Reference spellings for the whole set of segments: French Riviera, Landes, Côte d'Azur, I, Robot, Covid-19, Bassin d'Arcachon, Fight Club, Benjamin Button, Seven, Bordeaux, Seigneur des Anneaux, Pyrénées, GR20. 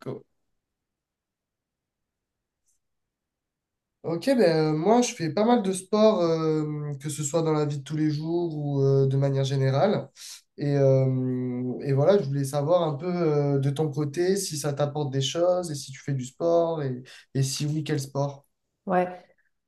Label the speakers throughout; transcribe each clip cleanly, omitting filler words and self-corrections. Speaker 1: Co- Ok, ben, Moi je fais pas mal de sport, que ce soit dans la vie de tous les jours ou de manière générale. Et voilà, je voulais savoir un peu de ton côté si ça t'apporte des choses et si tu fais du sport et si oui, quel sport?
Speaker 2: Ouais.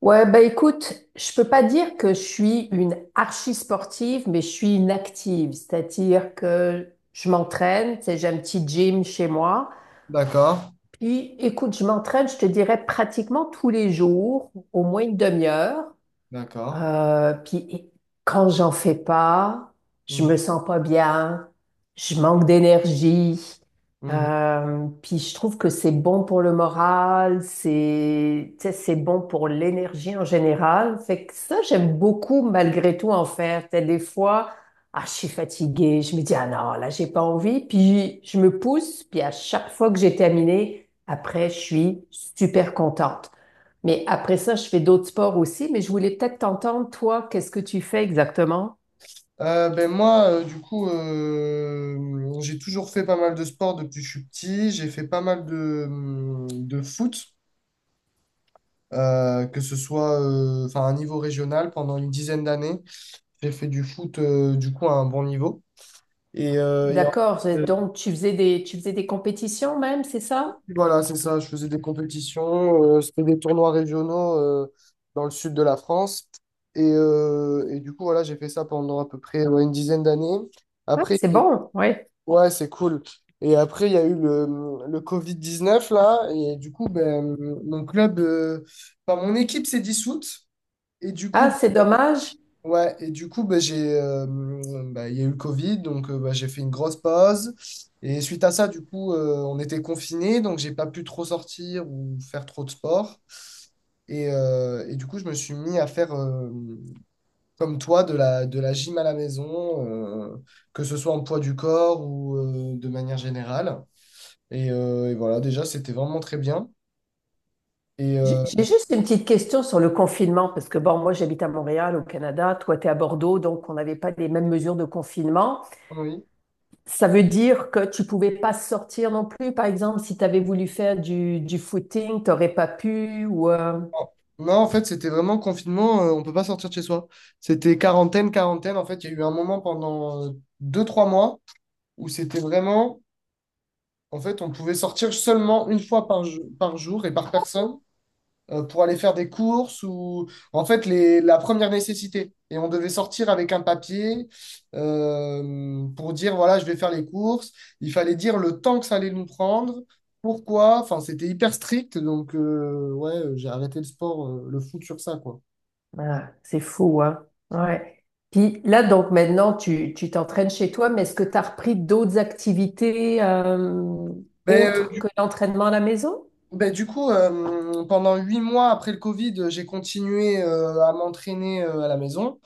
Speaker 2: Ouais, bah écoute, je peux pas dire que je suis une archi sportive, mais je suis une active, c'est-à-dire que je m'entraîne, tu sais, j'ai un petit gym chez moi.
Speaker 1: D'accord,
Speaker 2: Puis écoute, je m'entraîne, je te dirais pratiquement tous les jours, au moins une demi-heure.
Speaker 1: d'accord.
Speaker 2: Puis quand j'en fais pas, je me
Speaker 1: Mhm,
Speaker 2: sens pas bien, je manque d'énergie.
Speaker 1: mhm.
Speaker 2: Puis je trouve que c'est bon pour le moral, c'est, tu sais, c'est bon pour l'énergie en général. Fait que ça, j'aime beaucoup malgré tout en faire. Tu sais, des fois, ah, je suis fatiguée, je me dis, ah non, là, j'ai pas envie. Puis je me pousse, puis à chaque fois que j'ai terminé, après, je suis super contente. Mais après ça, je fais d'autres sports aussi, mais je voulais peut-être t'entendre, toi, qu'est-ce que tu fais exactement?
Speaker 1: Ben moi, du coup, j'ai toujours fait pas mal de sport depuis que je suis petit. J'ai fait pas mal de foot. Que ce soit enfin, à un niveau régional pendant une dizaine d'années. J'ai fait du foot du coup à un bon niveau. Et, euh, et en-
Speaker 2: D'accord,
Speaker 1: euh,
Speaker 2: donc tu faisais des compétitions même, c'est ça?
Speaker 1: voilà, c'est ça, je faisais des compétitions, c'était des tournois régionaux dans le sud de la France. Et du coup, voilà, j'ai fait ça pendant à peu près ouais, une dizaine d'années.
Speaker 2: Ah,
Speaker 1: Après,
Speaker 2: c'est bon, oui.
Speaker 1: ouais, c'est cool. Et après, il y a eu le Covid-19, là. Et du coup, ben, mon club, enfin, mon équipe s'est dissoute. Et du
Speaker 2: Ah,
Speaker 1: coup,
Speaker 2: c'est dommage.
Speaker 1: ouais, et du coup, bah, bah, il y a eu le Covid, donc bah, j'ai fait une grosse pause. Et suite à ça, du coup, on était confinés, donc j'ai pas pu trop sortir ou faire trop de sport. Et du coup, je me suis mis à faire, comme toi, de la gym à la maison, que ce soit en poids du corps ou de manière générale. Et voilà, déjà, c'était vraiment très bien. Et
Speaker 2: J'ai
Speaker 1: euh,
Speaker 2: j'ai juste une petite question sur le confinement, parce que bon, moi j'habite à Montréal, au Canada, toi tu es à Bordeaux, donc on n'avait pas les mêmes mesures de confinement.
Speaker 1: oui.
Speaker 2: Ça veut dire que tu pouvais pas sortir non plus, par exemple, si tu avais voulu faire du footing, t'aurais pas pu
Speaker 1: Non, en fait, c'était vraiment confinement, on peut pas sortir de chez soi. C'était quarantaine, quarantaine. En fait, il y a eu un moment pendant deux, trois mois où c'était vraiment, en fait, on pouvait sortir seulement une fois par jour et par personne pour aller faire des courses ou, en fait, la première nécessité. Et on devait sortir avec un papier pour dire, voilà, je vais faire les courses. Il fallait dire le temps que ça allait nous prendre. Pourquoi? Enfin, c'était hyper strict, donc ouais, j'ai arrêté le sport, le foot sur ça, quoi.
Speaker 2: ah, c'est fou, hein? Ouais. Puis là, donc maintenant, tu t'entraînes chez toi, mais est-ce que tu as repris d'autres activités
Speaker 1: Ben,
Speaker 2: autres
Speaker 1: euh,
Speaker 2: que l'entraînement à la maison?
Speaker 1: ben, du coup, pendant huit mois après le Covid, j'ai continué à m'entraîner à la maison.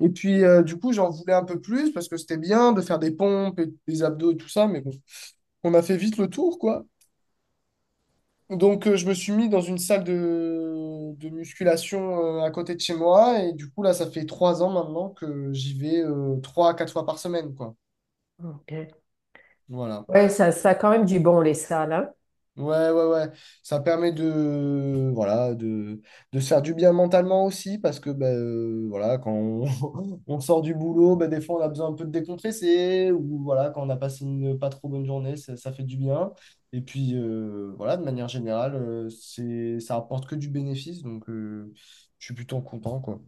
Speaker 1: Et puis, du coup, j'en voulais un peu plus parce que c'était bien de faire des pompes et des abdos et tout ça, mais bon, on a fait vite le tour, quoi. Donc, je me suis mis dans une salle de musculation à côté de chez moi. Et du coup, là, ça fait trois ans maintenant que j'y vais trois à quatre fois par semaine, quoi.
Speaker 2: Ok.
Speaker 1: Voilà.
Speaker 2: Ouais, ça a quand même du bon, les salles, hein?
Speaker 1: Ouais, ouais, ouais. Ça permet de, voilà, de se faire du bien mentalement aussi, parce que ben, voilà, quand on, on sort du boulot, ben, des fois on a besoin un peu de décompresser, ou voilà, quand on a passé une pas trop bonne journée, ça fait du bien. Et puis voilà, de manière générale, c'est, ça apporte que du bénéfice, donc je suis plutôt content, quoi.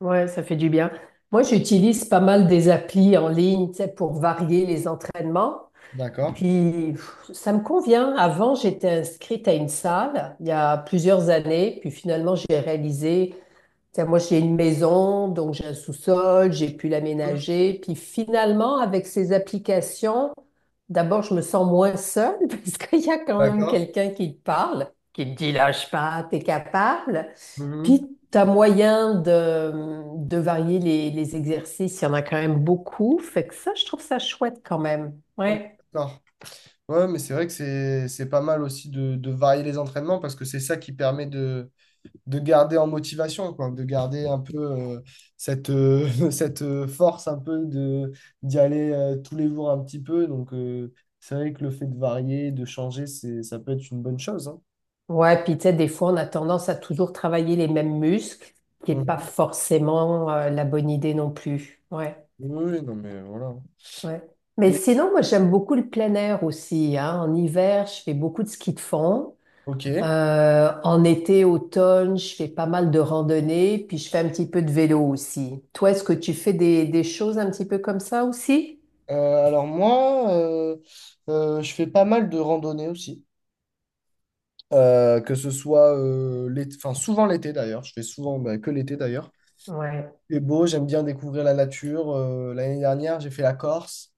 Speaker 2: Ouais, ça fait du bien. Moi, j'utilise pas mal des applis en ligne, tu sais, pour varier les entraînements.
Speaker 1: D'accord.
Speaker 2: Puis pff, ça me convient. Avant, j'étais inscrite à une salle il y a plusieurs années, puis finalement, j'ai réalisé. T'sais, moi, j'ai une maison, donc j'ai un sous-sol, j'ai pu
Speaker 1: Mhm.
Speaker 2: l'aménager. Puis finalement, avec ces applications, d'abord, je me sens moins seule parce qu'il y a quand même
Speaker 1: D'accord.
Speaker 2: quelqu'un qui te parle, qui te dit lâche pas, t'es capable.
Speaker 1: Mhm.
Speaker 2: Puis t'as moyen de varier les exercices. Il y en a quand même beaucoup. Fait que ça, je trouve ça chouette quand même.
Speaker 1: Ok,
Speaker 2: Ouais.
Speaker 1: d'accord. Ouais, mais c'est vrai que c'est pas mal aussi de varier les entraînements, parce que c'est ça qui permet de garder en motivation, quoi, de garder un peu cette, cette force un peu de d'y aller tous les jours un petit peu. Donc, c'est vrai que le fait de varier, de changer, c'est, ça peut être une bonne chose, hein.
Speaker 2: Ouais, puis tu sais, des fois, on a tendance à toujours travailler les mêmes muscles, ce qui n'est pas
Speaker 1: Mhm.
Speaker 2: forcément la bonne idée non plus. Ouais.
Speaker 1: Oui, oui, non, mais voilà.
Speaker 2: Ouais. Mais
Speaker 1: Et,
Speaker 2: sinon, moi, j'aime beaucoup le plein air aussi. Hein. En hiver, je fais beaucoup de ski de fond.
Speaker 1: ok.
Speaker 2: En été, automne, je fais pas mal de randonnées, puis je fais un petit peu de vélo aussi. Toi, est-ce que tu fais des choses un petit peu comme ça aussi?
Speaker 1: Alors moi, je fais pas mal de randonnées aussi. Que ce soit l'été, enfin souvent l'été d'ailleurs. Je fais souvent bah, que l'été d'ailleurs.
Speaker 2: Ouais.
Speaker 1: C'est beau, j'aime bien découvrir la nature. L'année dernière, j'ai fait la Corse.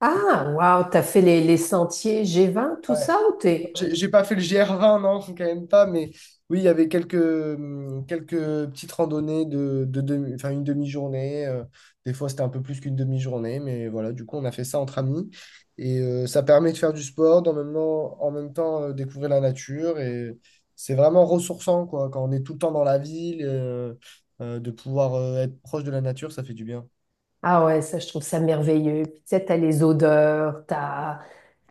Speaker 2: Ah, waouh, t'as fait les sentiers G20, tout ça ou t'es...
Speaker 1: J'ai pas fait le GR20, non, faut quand même pas, mais oui, il y avait quelques petites randonnées enfin, une demi-journée. Des fois, c'était un peu plus qu'une demi-journée, mais voilà, du coup, on a fait ça entre amis. Ça permet de faire du sport, en même temps découvrir la nature. Et c'est vraiment ressourçant, quoi, quand on est tout le temps dans la ville, de pouvoir être proche de la nature, ça fait du bien.
Speaker 2: Ah ouais, ça, je trouve ça merveilleux. Puis tu sais, t'as les odeurs, t'as...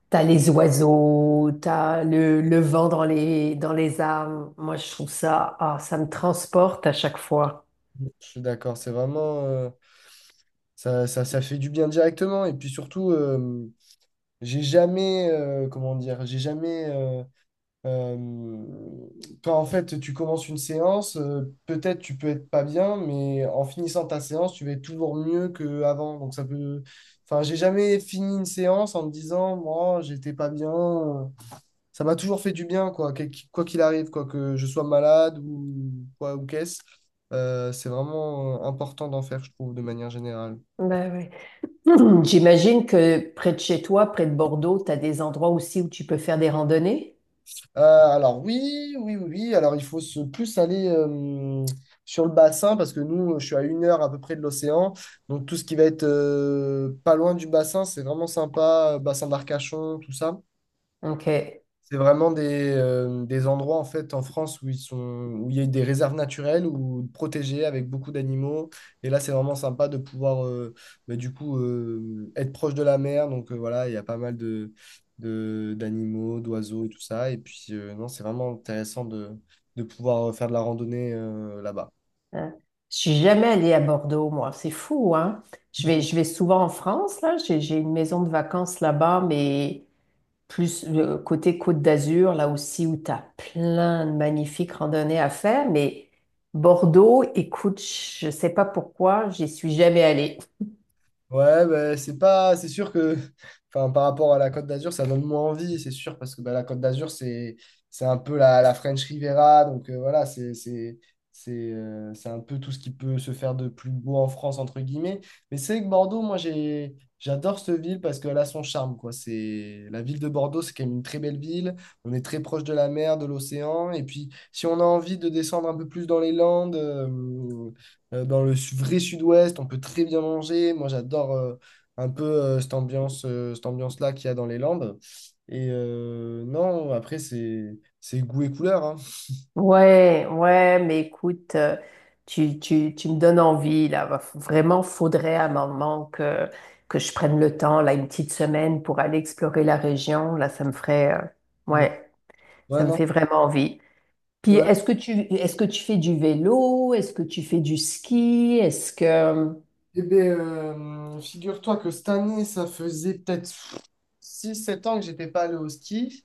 Speaker 2: T'as les oiseaux, t'as le vent dans les arbres. Moi, je trouve ça, ah, ça me transporte à chaque fois.
Speaker 1: Je suis d'accord, c'est vraiment, ça, ça, ça fait du bien directement. Et puis surtout, j'ai jamais, comment dire, j'ai jamais, euh, quand en fait tu commences une séance, peut-être tu peux être pas bien, mais en finissant ta séance, tu vas être toujours mieux qu'avant. Donc ça peut, enfin, j'ai jamais fini une séance en me disant, moi, j'étais pas bien. Ça m'a toujours fait du bien, quoi, quoi qu'il arrive, quoi que je sois malade ou quoi ou qu'est-ce. C'est vraiment important d'en faire, je trouve, de manière générale.
Speaker 2: Ben ouais. J'imagine que près de chez toi, près de Bordeaux, t'as des endroits aussi où tu peux faire des randonnées.
Speaker 1: Alors oui, oui, oui, oui. Alors il faut se plus aller sur le bassin parce que nous, je suis à une heure à peu près de l'océan. Donc tout ce qui va être pas loin du bassin, c'est vraiment sympa. Bassin d'Arcachon, tout ça.
Speaker 2: Ok. Hein.
Speaker 1: C'est vraiment des endroits en fait en France où ils sont où il y a des réserves naturelles ou protégées avec beaucoup d'animaux. Et là, c'est vraiment sympa de pouvoir bah, du coup être proche de la mer. Donc voilà, il y a pas mal de, d'animaux, d'oiseaux et tout ça. Et puis non, c'est vraiment intéressant de pouvoir faire de la randonnée là-bas.
Speaker 2: Je suis jamais allée à Bordeaux, moi. C'est fou, hein? Je vais souvent en France, là. J'ai une maison de vacances là-bas, mais plus le côté Côte d'Azur, là aussi où tu as plein de magnifiques randonnées à faire. Mais Bordeaux, écoute, je sais pas pourquoi, j'y suis jamais allée.
Speaker 1: Ouais, bah, c'est pas, c'est sûr que, enfin, par rapport à la Côte d'Azur, ça donne moins envie, c'est sûr, parce que bah, la Côte d'Azur, c'est un peu la French Riviera, donc voilà, c'est un peu tout ce qui peut se faire de plus beau en France, entre guillemets. Mais c'est vrai que Bordeaux, moi, j'adore cette ville parce qu'elle a son charme, quoi. C'est, la ville de Bordeaux, c'est quand même une très belle ville. On est très proche de la mer, de l'océan, et puis si on a envie de descendre un peu plus dans les Landes, dans le vrai sud-ouest, on peut très bien manger. Moi, j'adore un peu cette ambiance, cette ambiance-là qu'il y a dans les Landes. Non, après, c'est goût et couleur, hein.
Speaker 2: Ouais, ouais, mais écoute, tu me donnes envie, là. Vraiment, faudrait à un moment que, je prenne le temps, là, une petite semaine pour aller explorer la région. Là, ça me ferait,
Speaker 1: Mm.
Speaker 2: ouais,
Speaker 1: Ouais,
Speaker 2: ça me
Speaker 1: non.
Speaker 2: fait vraiment envie. Puis,
Speaker 1: Ouais.
Speaker 2: est-ce que tu fais du vélo? Est-ce que tu fais du ski? Est-ce que...
Speaker 1: Eh ben, figure-toi que cette année, ça faisait peut-être six sept ans que j'étais pas allé au ski.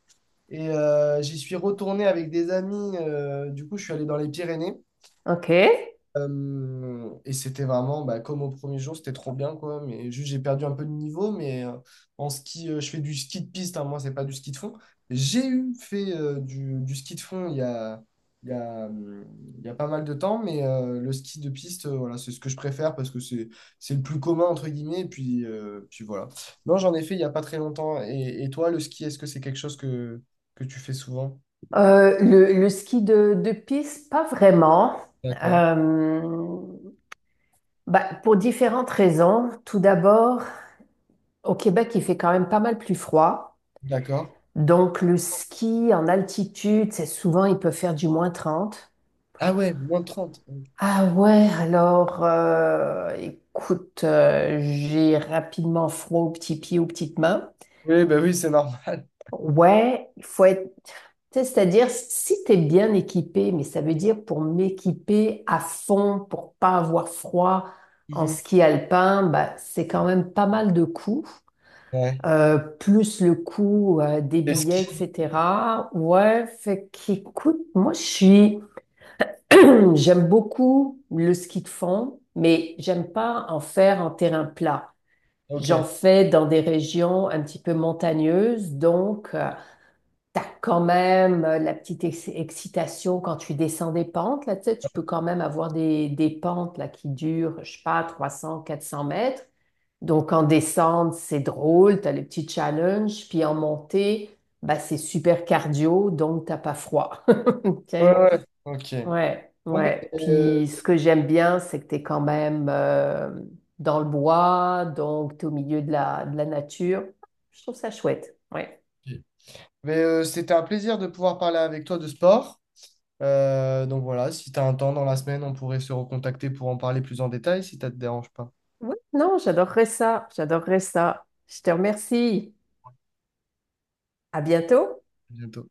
Speaker 1: J'y suis retourné avec des amis. Du coup, je suis allé dans les Pyrénées.
Speaker 2: OK.
Speaker 1: Et c'était vraiment bah, comme au premier jour, c'était trop bien quoi. Mais juste j'ai perdu un peu de niveau, mais en ski, je fais du ski de piste, hein, moi c'est pas du ski de fond. J'ai eu fait du ski de fond il y a, hum, il y a pas mal de temps, mais le ski de piste, voilà, c'est ce que je préfère parce que c'est le plus commun entre guillemets. Et puis, puis voilà. Non, j'en ai fait il y a pas très longtemps. Et toi, le ski, est-ce que c'est quelque chose que tu fais souvent?
Speaker 2: Le ski de piste, pas vraiment.
Speaker 1: D'accord.
Speaker 2: Euh, bah, pour différentes raisons. Tout d'abord, au Québec, il fait quand même pas mal plus froid.
Speaker 1: D'accord.
Speaker 2: Donc, le ski en altitude, c'est souvent, il peut faire du -30.
Speaker 1: Ah ouais, moins de trente.
Speaker 2: Ah ouais, alors, écoute, j'ai rapidement froid aux petits pieds, aux petites mains.
Speaker 1: Oui, bah oui, c'est normal.
Speaker 2: Ouais, il faut être. Tu sais, c'est-à-dire, si tu es bien équipé, mais ça veut dire pour m'équiper à fond, pour pas avoir froid en
Speaker 1: Mhm.
Speaker 2: ski alpin, bah, c'est quand même pas mal de coûts,
Speaker 1: Ouais.
Speaker 2: plus le coût des
Speaker 1: Desk.
Speaker 2: billets, etc. Ouais, fait qu'écoute, moi je suis, j'aime beaucoup le ski de fond, mais j'aime pas en faire en terrain plat.
Speaker 1: Ok.
Speaker 2: J'en
Speaker 1: Ouais,
Speaker 2: fais dans des régions un petit peu montagneuses, donc. T'as quand même la petite excitation quand tu descends des pentes, là, tu sais, tu peux quand même avoir des pentes là, qui durent, je sais pas, 300, 400 mètres. Donc, en descente, c'est drôle, t'as les petits challenges, puis en montée, bah, c'est super cardio, donc t'as pas froid. OK?
Speaker 1: ouais. Ok.
Speaker 2: Ouais,
Speaker 1: Bon, ben,
Speaker 2: ouais.
Speaker 1: euh,
Speaker 2: Puis, ce que j'aime bien, c'est que t'es quand même dans le bois, donc t'es au milieu de la nature. Je trouve ça chouette. Ouais.
Speaker 1: ok. Mais, c'était un plaisir de pouvoir parler avec toi de sport. Donc voilà, si tu as un temps dans la semaine, on pourrait se recontacter pour en parler plus en détail si ça te dérange pas.
Speaker 2: Oui, non, j'adorerais ça. J'adorerais ça. Je te remercie. À bientôt.
Speaker 1: À bientôt.